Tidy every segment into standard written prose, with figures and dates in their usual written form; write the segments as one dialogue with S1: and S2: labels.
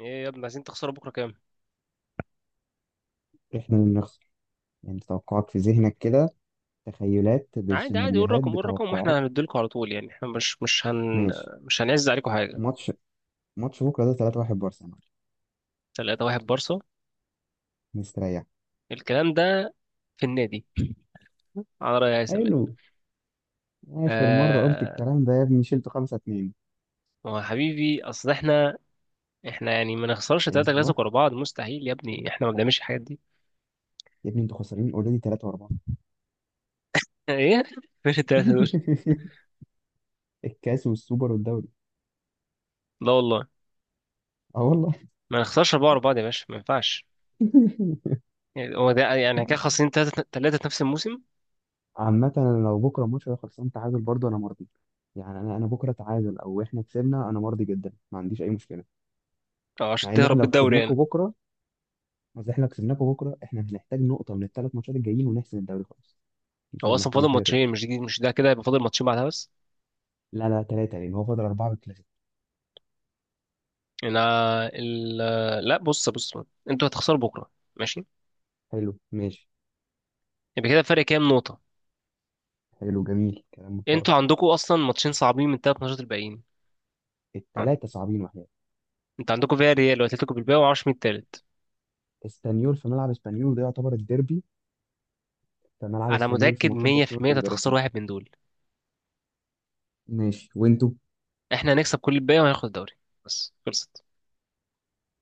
S1: ايه يا ابني، عايزين تخسروا بكره كام؟
S2: إحنا اللي بنخسر. يعني توقعات في ذهنك كده، تخيلات
S1: عادي عادي، قول
S2: بسيناريوهات
S1: رقم، قول رقم واحنا
S2: بتوقعات.
S1: هنديلكوا على طول. يعني احنا مش مش هن
S2: ماشي.
S1: مش هنعز عليكم حاجه.
S2: ماتش ماتش بكرة ده، 3-1 بارسنال
S1: 3 واحد بارسا
S2: مستريح.
S1: الكلام ده؟ في النادي، على رأي هيثم يعني.
S2: حلو. آخر مرة قلت
S1: آه،
S2: الكلام ده يا ابني شلته 5-2.
S1: هو يا حبيبي اصل احنا يعني ما نخسرش 3
S2: أيوه
S1: كلاسيكو ورا بعض. مستحيل يا ابني، احنا ما بنعملش الحاجات دي.
S2: يا ابني، أنتوا خسرانين أوريدي 3 و4.
S1: ايه، فين الثلاثه دول؟
S2: الكاس والسوبر والدوري.
S1: لا والله،
S2: أه والله.
S1: ما نخسرش اربعه ورا بعض يا باشا، ما ينفعش. يعني هو ده، يعني كده خاسرين ثلاثه ثلاثه في نفس الموسم،
S2: عامة أنا لو بكرة الماتش ده خلصان تعادل برضه أنا مرضي. يعني أنا بكرة تعادل أو إحنا كسبنا، أنا مرضي جدا، ما عنديش أي مشكلة.
S1: او عشان
S2: مع إن إحنا
S1: تهرب
S2: لو
S1: بالدوري يعني.
S2: كسبناكوا بكرة، اصل احنا لو كسبناكم بكره احنا هنحتاج نقطه من ال3 ماتشات الجايين ونحسم الدوري خالص، مش
S1: هو
S2: هنبقى
S1: اصلا فاضل
S2: محتاجين حاجه تاني.
S1: ماتشين، مش دي، مش ده كده، هيبقى فاضل ماتشين بعدها بس.
S2: لا لا، 3 لان هو فاضل 4 بالكلاسيكو.
S1: لا لا بص بص، انتوا هتخسروا بكره، ماشي؟
S2: حلو، ماشي.
S1: يبقى كده فرق كام نقطه؟
S2: حلو، جميل، كلام محترم.
S1: انتوا عندكم اصلا ماتشين صعبين من الثلاث ماتشات الباقيين. عن-
S2: ال3 صعبين وحياة.
S1: انتوا عندكم فيا ريال واتلتيكو بالباقي، ومعرفش مين التالت.
S2: اسبانيول في ملعب اسبانيول وده يعتبر الديربي، في ملعب
S1: انا
S2: اسبانيول في
S1: متاكد
S2: ماتشات برشلونه
S1: 100% انت
S2: بيبقى
S1: هتخسروا
S2: رخم.
S1: واحد من دول.
S2: ماشي، وانتوا
S1: احنا هنكسب كل الباقي وهناخد الدوري، بس خلصت.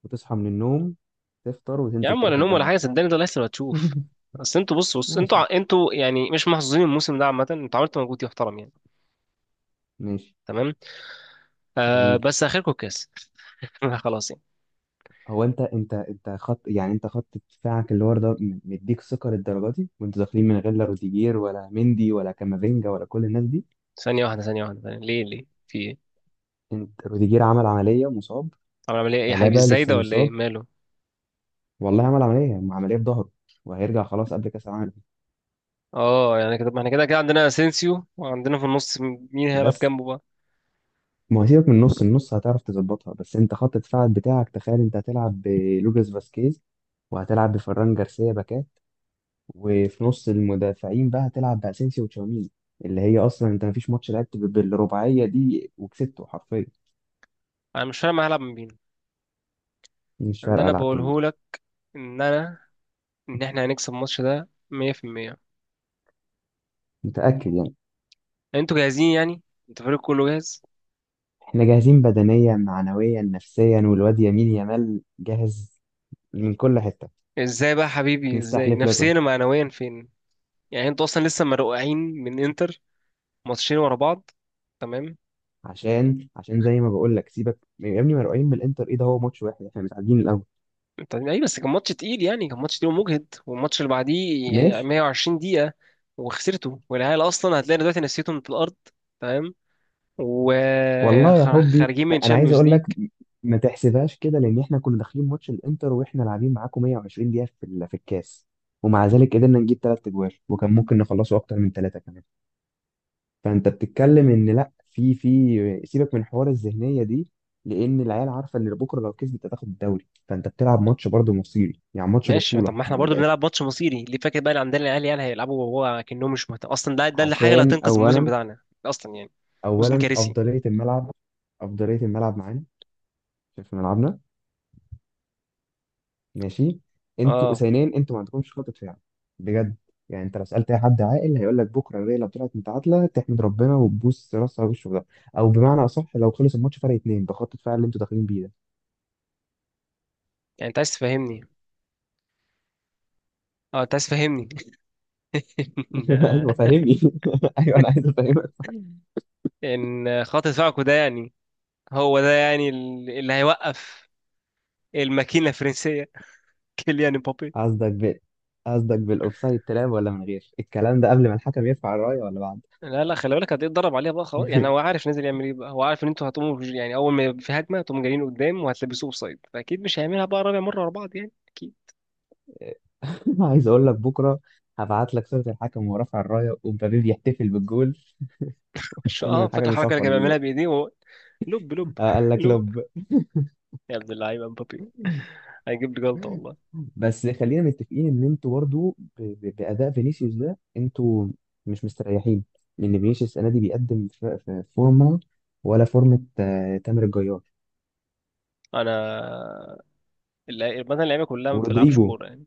S2: بتصحى من النوم، تفطر
S1: يا
S2: وتنزل
S1: عم ولا
S2: تروح
S1: نوم ولا
S2: الجامعه
S1: حاجه،
S2: تاني.
S1: صدقني ده لسه هتشوف. اصل انتوا بص بص، انتوا
S2: ماشي،
S1: انتوا يعني مش محظوظين الموسم ده عامه، انتوا عملتوا مجهود يحترم يعني.
S2: ماشي.
S1: تمام، آه،
S2: جميل.
S1: بس اخركم الكاس. خلاص يعني.
S2: هو انت خط، يعني انت خط دفاعك اللي ورا ده م- مديك ثقه للدرجه دي وانتوا داخلين من غير لا روديجير ولا مندي ولا كامافينجا ولا كل الناس دي.
S1: ثانيه واحده، ثانيه واحده، ثانية. ليه في إيه؟
S2: انت روديجير عمل عمليه ومصاب،
S1: طب اعمل ايه؟ إيه يا حبيبي،
S2: الابا
S1: ازاي
S2: لسه
S1: ده ولا ايه
S2: مصاب،
S1: ماله؟
S2: والله عمل عمليه، عمليه في ظهره وهيرجع خلاص قبل كاس العالم.
S1: اه، يعني كده ما احنا كده كده عندنا اسينسيو، وعندنا في النص مين هيلعب
S2: بس
S1: جنبه بقى؟
S2: ما هو سيبك من النص، النص هتعرف تظبطها، بس انت خط دفاعك بتاعك تخيل، انت هتلعب بلوكاس فاسكيز وهتلعب بفران جارسيا باكات، وفي نص المدافعين بقى هتلعب باسينسيو وتشاوميني، اللي هي اصلا انت مفيش ماتش لعبت ب- بالرباعيه دي وكسبته حرفيا.
S1: انا مش فاهم هلعب من مين.
S2: مش
S1: اللي
S2: فارقه
S1: انا
S2: العب بمين.
S1: بقوله لك ان انا، ان احنا هنكسب الماتش ده 100%.
S2: متاكد يعني؟
S1: انتوا جاهزين يعني؟ انتوا الفريق كله جاهز؟
S2: احنا جاهزين بدنيا معنويا نفسيا، والواد يمين يامال جاهز من كل حته.
S1: ازاي بقى يا حبيبي، ازاي
S2: مستحلف لك بقى.
S1: نفسيا ومعنويا فين؟ يعني انتوا اصلا لسه مرقعين من انتر، ماتشين ورا بعض، تمام؟
S2: عشان زي ما بقول لك سيبك يا ابني، مرعوبين من الانتر، ايه ده؟ هو ماتش واحد احنا متعادلين الاول.
S1: طيب ايه بس، كان ماتش تقيل يعني، كان ماتش تقيل ومجهد، والماتش اللي بعديه آه،
S2: ماشي.
S1: 120 دقيقة وخسرته. والعيال اصلا هتلاقي دلوقتي نسيتهم في الارض، تمام،
S2: والله يا حبي
S1: وخارجين من
S2: انا عايز
S1: تشامبيونز
S2: اقول لك،
S1: ليج.
S2: ما تحسبهاش كده لان احنا كنا داخلين ماتش الانتر واحنا لاعبين معاكم 120 دقيقه في ال- في الكاس، ومع ذلك قدرنا نجيب 3 اجوال وكان ممكن نخلصه اكتر من 3 كمان. فانت بتتكلم ان لا، في سيبك من حوار الذهنيه دي، لان العيال عارفه ان بكره لو كسبت هتاخد الدوري، فانت بتلعب ماتش برضه مصيري، يعني ماتش
S1: ماشي، طب
S2: بطوله
S1: ما احنا
S2: من
S1: برضو
S2: الاخر.
S1: بنلعب ماتش مصيري، ليه فاكر بقى؟ اللي عندنا العيال يعني هيلعبوا، وهو كأنهم مش مهتم اصلا، ده الحاجة اللي
S2: عشان
S1: هتنقذ الموسم
S2: اولا
S1: بتاعنا اصلا يعني. موسم
S2: اولا
S1: كارثي.
S2: افضليه الملعب، افضليه الملعب معانا، في ملعبنا. ماشي. انتوا
S1: اه
S2: اسنان، انتوا ما عندكمش خطة فعل، بجد. يعني انت لو سألت اي حد عاقل هيقول لك بكره الريال لو طلعت متعادله تحمد ربنا وتبوس راسها وشه في ده. او بمعنى اصح، لو خلص الماتش فرق 2 بخطة فعل اللي انتوا داخلين بيه ده.
S1: يعني انت عايز تفهمني، اه انت عايز تفهمني ان
S2: ايوه
S1: آه،
S2: فهمني. ايوه انا عايز افهمك.
S1: إن خط دفاعكم ده يعني، هو ده يعني اللي هيوقف الماكينة الفرنسية، كيليان امبابي.
S2: قصدك بال قصدك بالاوفسايد تلعب، ولا من غير الكلام ده؟ قبل ما الحكم يرفع الرايه، ولا بعد؟
S1: لا لا، خلي بالك هتتدرب عليها بقى، خلاص يعني، هو عارف نازل يعمل ايه بقى، هو عارف ان انتوا هتقوموا يعني، اول ما يبقى في هجمه هتقوموا جايين قدام وهتلبسوه اوفسايد، فاكيد مش هيعملها بقى رابع مره ورا بعض يعني، اكيد.
S2: عايز اقول لك بكره هبعت لك صورة الحكم وهو رافع الرايه ومبابي بيحتفل بالجول
S1: مش،
S2: قبل ما
S1: اه فاكر
S2: الحكم
S1: الحركه اللي
S2: يصفر
S1: كان بيعملها
S2: بالظبط.
S1: بايديه، وهو لب لب
S2: قال لك
S1: لب،
S2: لب.
S1: يا ابن اللعيبه مبابي، هيجيب لي جلطه والله.
S2: بس خلينا متفقين ان انتوا برضو ب- ب- باداء فينيسيوس ده انتوا مش مستريحين، لان فينيسيوس السنه دي بيقدم ف- ف- فورمه، ولا فورمه، تامر الجيار.
S1: انا مثلا اللعيبه كلها ما بتلعبش
S2: ورودريجو،
S1: كوره يعني.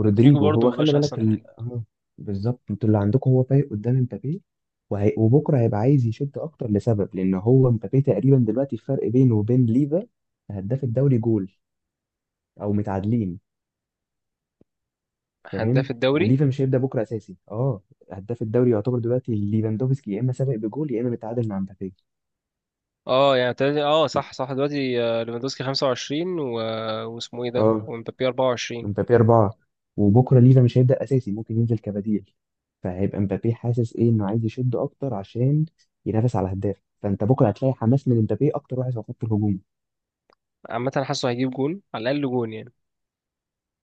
S1: رودريجو برضه
S2: هو
S1: ما
S2: خلي
S1: بقاش
S2: بالك
S1: احسن
S2: ال...
S1: حاجه،
S2: آه، بالظبط. انتوا اللي عندكم هو فايق قدام امبابي، وبكره هيبقى عايز يشد اكتر لسبب، لان هو امبابي تقريبا دلوقتي الفرق بينه وبين ليفا هداف الدوري جول، او متعادلين.
S1: هداف
S2: فاهم؟
S1: الدوري.
S2: وليفا مش هيبدا بكره اساسي. اه، هداف الدوري يعتبر دلوقتي ليفاندوفسكي، يا اما سابق بجول يا اما متعادل مع مبابي.
S1: اه يعني اه صح صح، دلوقتي آه، ليفاندوسكي 25 و... واسمه ايه ده،
S2: اه،
S1: ومبابي 24.
S2: مبابي 4. وبكره ليفا مش هيبدا اساسي، ممكن ينزل كبديل. فهيبقى مبابي حاسس ايه؟ انه عايز يشد اكتر عشان ينافس على هداف، فانت بكره هتلاقي حماس من مبابي اكتر واحد في خط الهجوم.
S1: عامة أنا حاسه هيجيب جون على الأقل، جون يعني،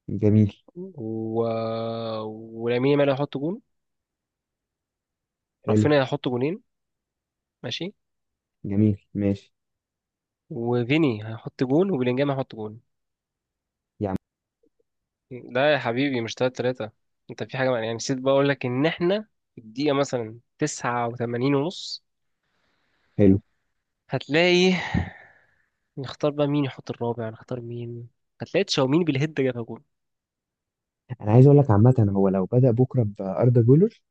S2: جميل.
S1: و... ولامين يامال هيحط جون،
S2: حلو.
S1: رافينيا هيحط جونين، ماشي،
S2: جميل، ماشي.
S1: وفيني هيحط جون، وبلينجهام هيحط جون.
S2: يا عم.
S1: ده يا حبيبي مش تلاتة تلاتة. انت في حاجة بقى يعني، نسيت بقى اقول لك ان احنا في الدقيقة مثلا 89 ونص
S2: حلو.
S1: هتلاقي، نختار بقى مين يحط الرابع، نختار مين؟ هتلاقي تشاوميني بالهيد جابها جون.
S2: انا عايز اقول لك عامه هو لو بدا بكره باردا جولر،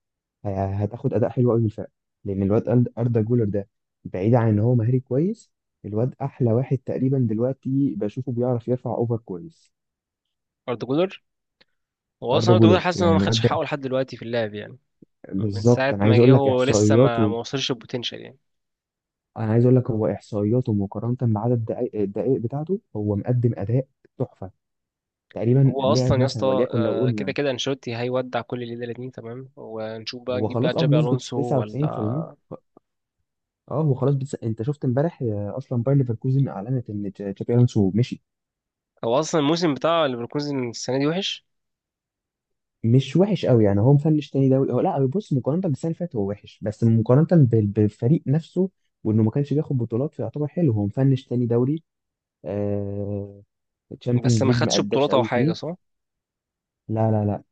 S2: ه- هتاخد اداء حلو قوي من الفرق، لان الواد اردا جولر ده، بعيد عن ان هو مهاري كويس، الواد احلى واحد تقريبا دلوقتي بشوفه بيعرف يرفع اوفر كويس.
S1: اردا جولر، هو اصلا
S2: اردا
S1: اردا جولر
S2: جولر،
S1: حاسس ان هو
S2: يعني
S1: ما
S2: الواد
S1: خدش
S2: ده
S1: حقه لحد دلوقتي في اللعب يعني، من
S2: بالظبط
S1: ساعة
S2: انا
S1: ما
S2: عايز
S1: جه
S2: اقول لك
S1: هو لسه ما
S2: احصائياته.
S1: ما وصلش البوتنشال يعني.
S2: انا عايز اقول لك هو احصائياته مقارنه بعدد الدقائق، الدقائق بتاعته هو مقدم اداء تحفه، تقريبا
S1: هو
S2: لعب
S1: اصلا يا
S2: مثلا،
S1: اسطى
S2: وليكن لو
S1: آه، كده
S2: قلنا
S1: كده انشيلوتي هيودع كل اللي ده الاتنين، تمام، ونشوف بقى
S2: هو
S1: نجيب بقى
S2: خلاص اه
S1: جابي
S2: بنسبه
S1: الونسو ولا.
S2: 99%. اه، هو خلاص انت شفت امبارح اصلا باير ليفركوزن اعلنت ان تشابي الونسو مشي.
S1: هو اصلا الموسم بتاع ليفركوزن السنه دي وحش،
S2: مش وحش قوي يعني، هو مفنش تاني دوري، هو لا، هو بص، مقارنة بالسنة اللي فاتت هو وحش، بس مقارنة بال- بالفريق نفسه وانه ما كانش بياخد بطولات فيعتبر حلو، هو مفنش تاني دوري، آه...
S1: بس
S2: تشامبيونز
S1: ما
S2: ليج ما
S1: خدش
S2: اداش
S1: بطولات او
S2: قوي
S1: حاجه،
S2: فيه.
S1: صح؟
S2: لا لا لا،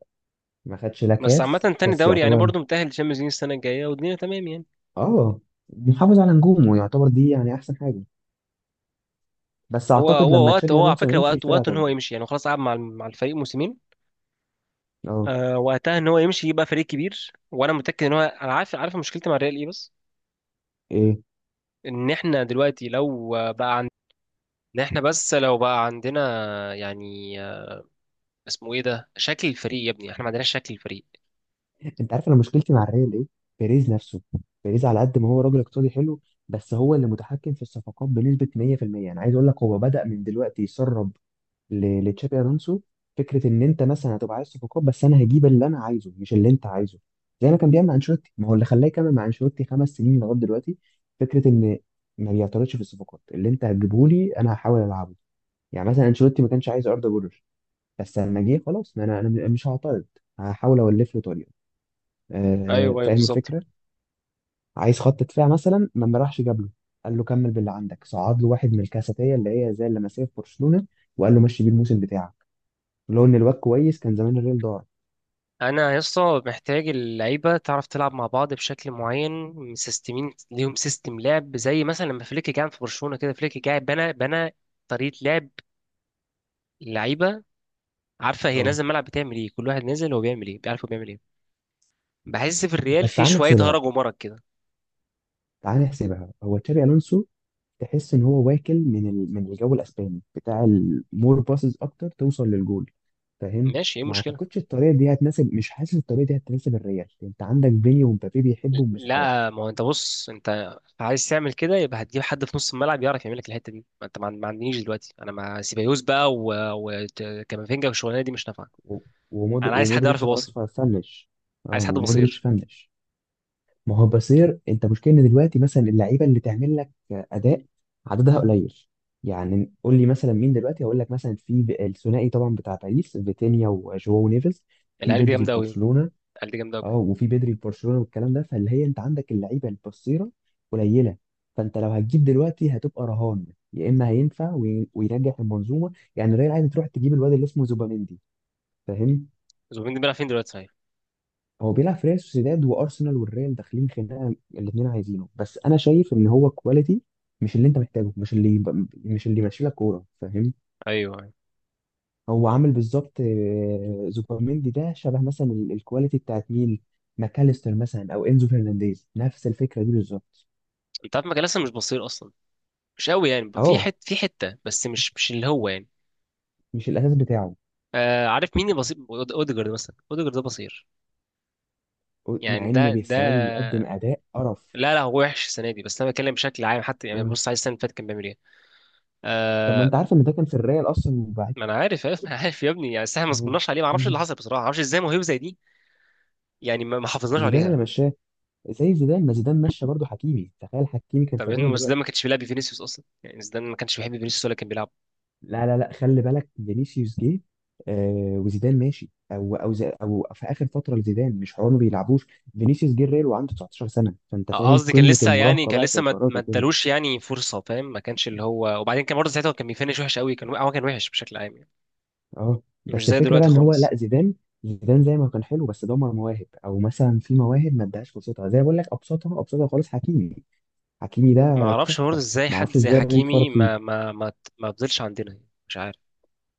S2: ما خدش لا
S1: بس عامه
S2: كاس،
S1: تاني
S2: الكاس
S1: دوري يعني،
S2: يعتبر.
S1: برضه متاهل للشامبيونز ليج السنه الجايه، والدنيا تمام يعني.
S2: اه، محافظ على نجومه يعتبر دي، يعني احسن حاجة. بس
S1: هو
S2: اعتقد
S1: هو
S2: لما
S1: وقت،
S2: تشابي
S1: هو على
S2: الونسو
S1: فكره
S2: يمشي
S1: وقت،
S2: الفرقة
S1: وقت ان هو
S2: هتفضل.
S1: يمشي يعني، هو خلاص قعد مع مع الفريق موسمين
S2: اه.
S1: آه، وقتها ان هو يمشي يبقى فريق كبير، وانا متاكد ان هو، انا عارف، عارف مشكلتي مع الريال ايه بس،
S2: إيه؟
S1: ان احنا دلوقتي لو بقى عندنا، ان احنا بس لو بقى عندنا يعني، اسمه ايه ده، شكل الفريق يا ابني، احنا ما عندناش شكل الفريق.
S2: انت عارف انا مشكلتي مع الريال ايه؟ بيريز نفسه. بيريز، على قد ما هو راجل اقتصادي حلو، بس هو اللي متحكم في الصفقات بنسبة 100%، يعني عايز اقول لك هو بدأ من دلوقتي يسرب ل- لتشابي الونسو فكرة ان انت مثلا هتبقى عايز صفقات، بس انا هجيب اللي انا عايزه مش اللي انت عايزه. زي ما كان بيعمل مع انشيلوتي، ما هو اللي خلاه يكمل مع انشيلوتي 5 سنين لغاية دلوقتي. فكرة ان ما بيعترضش في الصفقات، اللي انت هتجيبه لي انا هحاول العبه. يعني مثلا انشيلوتي ما كانش عايز اردا جولر، بس لما جه خلاص، ما انا مش هعترض، هحاول اولف له طريقه.
S1: ايوه ايوه
S2: فاهم
S1: بالظبط.
S2: الفكره. عايز خط دفاع مثلا، ما راحش جاب له، قال له كمل باللي عندك، صعد له واحد من الكاساتيه اللي هي زي اللمسيه في برشلونه وقال له مشي بيه الموسم بتاعك، لو ان الواد كويس كان زمان الريال دار.
S1: انا يا اسطى محتاج اللعيبه تعرف تلعب مع بعض بشكل معين، مسيستمين ليهم سيستم لعب، زي مثلا لما فليك جه في برشلونه كده، فليك جه بنى، بنى طريقه لعب، اللعيبه عارفه هي
S2: اه.
S1: نازل الملعب بتعمل ايه، كل واحد نازل هو بيعمل ايه، بيعرف هو بيعمل ايه. بحس في الريال
S2: بس
S1: في
S2: تعال
S1: شويه
S2: نحسبها،
S1: هرج ومرج كده.
S2: تعال نحسبها. هو تشابي الونسو تحس ان هو واكل من من الجو الاسباني بتاع المور باسز اكتر، توصل للجول. فاهم؟
S1: ماشي، ايه
S2: ما
S1: المشكله؟
S2: اعتقدش الطريقه دي هتناسب، مش حاسس الطريقه دي هتناسب الريال. انت عندك بيني ومبابي بيحبوا المساحات.
S1: لا ما هو انت بص، انت عايز تعمل كده يبقى هتجيب حد في نص الملعب يعرف يعمل لك الحته دي، ما انت ما عندنيش دلوقتي، انا مع سيبايوس بقى وكامافينجا والشغلانه دي مش نافعه.
S2: و-
S1: انا عايز حد يعرف
S2: ومودريتش خلاص
S1: يباصي،
S2: فنش. اه،
S1: عايز حد
S2: ومودريتش
S1: بصير.
S2: فنش. ما هو بصير. انت مشكلة ان دلوقتي مثلا اللعيبة اللي تعمل لك اداء عددها قليل. يعني قول لي مثلا مين دلوقتي، هقول لك مثلا في ب- الثنائي طبعا بتاع باريس، فيتينيا وجواو نيفيز. في
S1: العيال دي
S2: بدري في
S1: جامده قوي،
S2: برشلونة.
S1: العيال دي جامده قوي.
S2: اه، وفي بدري في برشلونة والكلام ده. فاللي هي انت عندك اللعيبة البصيرة قليلة. فانت لو هتجيب دلوقتي هتبقى رهان، يا اما هينفع وي- وينجح المنظومة. يعني الريال عايز تروح تجيب الواد اللي اسمه زوباميندي، فاهم؟
S1: زوبين بيلعب فين دلوقتي صحيح؟
S2: هو بيلعب في ريال سوسيداد، وارسنال والريال داخلين خناقه الاثنين عايزينه، بس انا شايف ان هو كواليتي مش اللي انت محتاجه، مش اللي يبقى- مش اللي يمشي لك كوره، فاهم؟
S1: ايوه ايوه.
S2: هو عامل بالظبط زوبيميندي ده شبه مثلا ال- الكواليتي بتاعت مين، ماكاليستر مثلا او انزو فرنانديز، نفس الفكره دي بالظبط.
S1: انت عارف مكان لسه مش بصير اصلا، مش قوي يعني، في
S2: اه،
S1: في حته بس مش، مش اللي هو يعني.
S2: مش الاساس بتاعه.
S1: آه، عارف مين بصير؟ اوديجارد مثلا، اوديجارد ده بصير،
S2: مع
S1: يعني
S2: ان
S1: ده ده.
S2: السنه دي بيقدم اداء قرف.
S1: لا لا، هو وحش السنه دي بس انا بتكلم بشكل عام، حتى يعني
S2: آه.
S1: بص، عايز السنه اللي فاتت كان بيعمل ايه؟
S2: طب ما
S1: آه،
S2: انت عارف ان ده كان في الريال اصلا وبعد.
S1: ما انا عارف انا عارف يا ابني يعني، بس احنا ما
S2: مم.
S1: صبرناش عليه، ما اعرفش اللي حصل بصراحه، ما اعرفش ازاي موهبه زي دي يعني ما حافظناش
S2: زيدان اللي
S1: عليها.
S2: مشاه. زي زيدان، ما زيدان مشى برضه حكيمي، تخيل حكيمي كان في
S1: طب يا ابني،
S2: الريال
S1: ما زيدان
S2: دلوقتي.
S1: ما كانش بيلعب فينيسيوس اصلا يعني، زيدان ما كانش بيحب فينيسيوس ولا كان بيلعب.
S2: لا لا لا، خلي بالك فينيسيوس جه وزيدان ماشي، او او زي او في اخر فتره لزيدان مش حوار ما بيلعبوش. فينيسيوس جه الريال وعنده 19 سنه، فانت فاهم
S1: قصدي كان
S2: قمه
S1: لسه يعني،
S2: المراهقه
S1: كان
S2: بقى في
S1: لسه ما
S2: القرارات
S1: ما
S2: وكده.
S1: ادالوش يعني فرصه، فاهم، ما كانش اللي هو، وبعدين كان برضه ساعتها كان بيفنش وحش قوي، كان هو كان وحش بشكل عام يعني،
S2: اه،
S1: مش
S2: بس
S1: زي
S2: الفكره بقى
S1: دلوقتي
S2: ان هو لا،
S1: خالص.
S2: زيدان، زيدان زي ما كان حلو بس دمر مواهب، او مثلا في مواهب ما ادهاش فرصتها، زي ما بقول لك ابسطها، ابسطها خالص حكيمي. حكيمي
S1: ما
S2: ده
S1: اعرفش برضه
S2: تحفه.
S1: ازاي
S2: ما
S1: حد
S2: اعرفش
S1: زي
S2: ازاي الريال
S1: حكيمي
S2: اتفرج.
S1: ما ما فضلش عندنا يعني. مش عارف.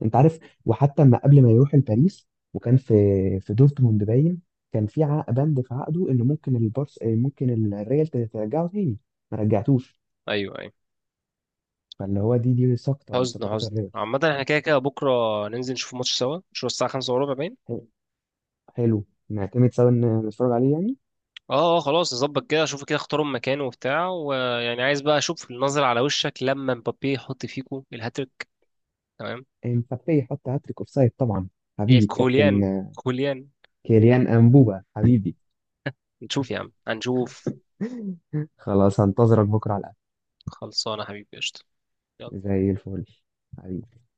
S2: انت عارف، وحتى ما قبل ما يروح لباريس وكان في في دورتموند باين، كان في عق- بند في عقده ان ممكن البارس ممكن الريال ت- ترجعه تاني، ما رجعتوش.
S1: ايوه ايوه.
S2: فاللي هو دي سقطه من
S1: حزن
S2: سقطات
S1: حزن،
S2: الريال.
S1: عامة احنا كده كده بكرة ننزل نشوف ماتش سوا، مش هو الساعة 5:15 باين؟
S2: حلو. حلو. نعتمد سوا ان نتفرج عليه يعني.
S1: اه اه، خلاص نظبط كده، اشوف كده اختاروا مكان وبتاع، ويعني عايز بقى اشوف النظرة على وشك لما مبابي يحط فيكو الهاتريك. تمام.
S2: مبابي حط هاتريك اوف سايد طبعا. حبيبي الكابتن
S1: الكوليان، كوليان،
S2: كيليان امبوبا حبيبي.
S1: نشوف يا عم هنشوف.
S2: خلاص هنتظرك بكره على
S1: خلصانة يا حبيبي، قشطة، يلا.
S2: القهوه زي الفل، حبيبي.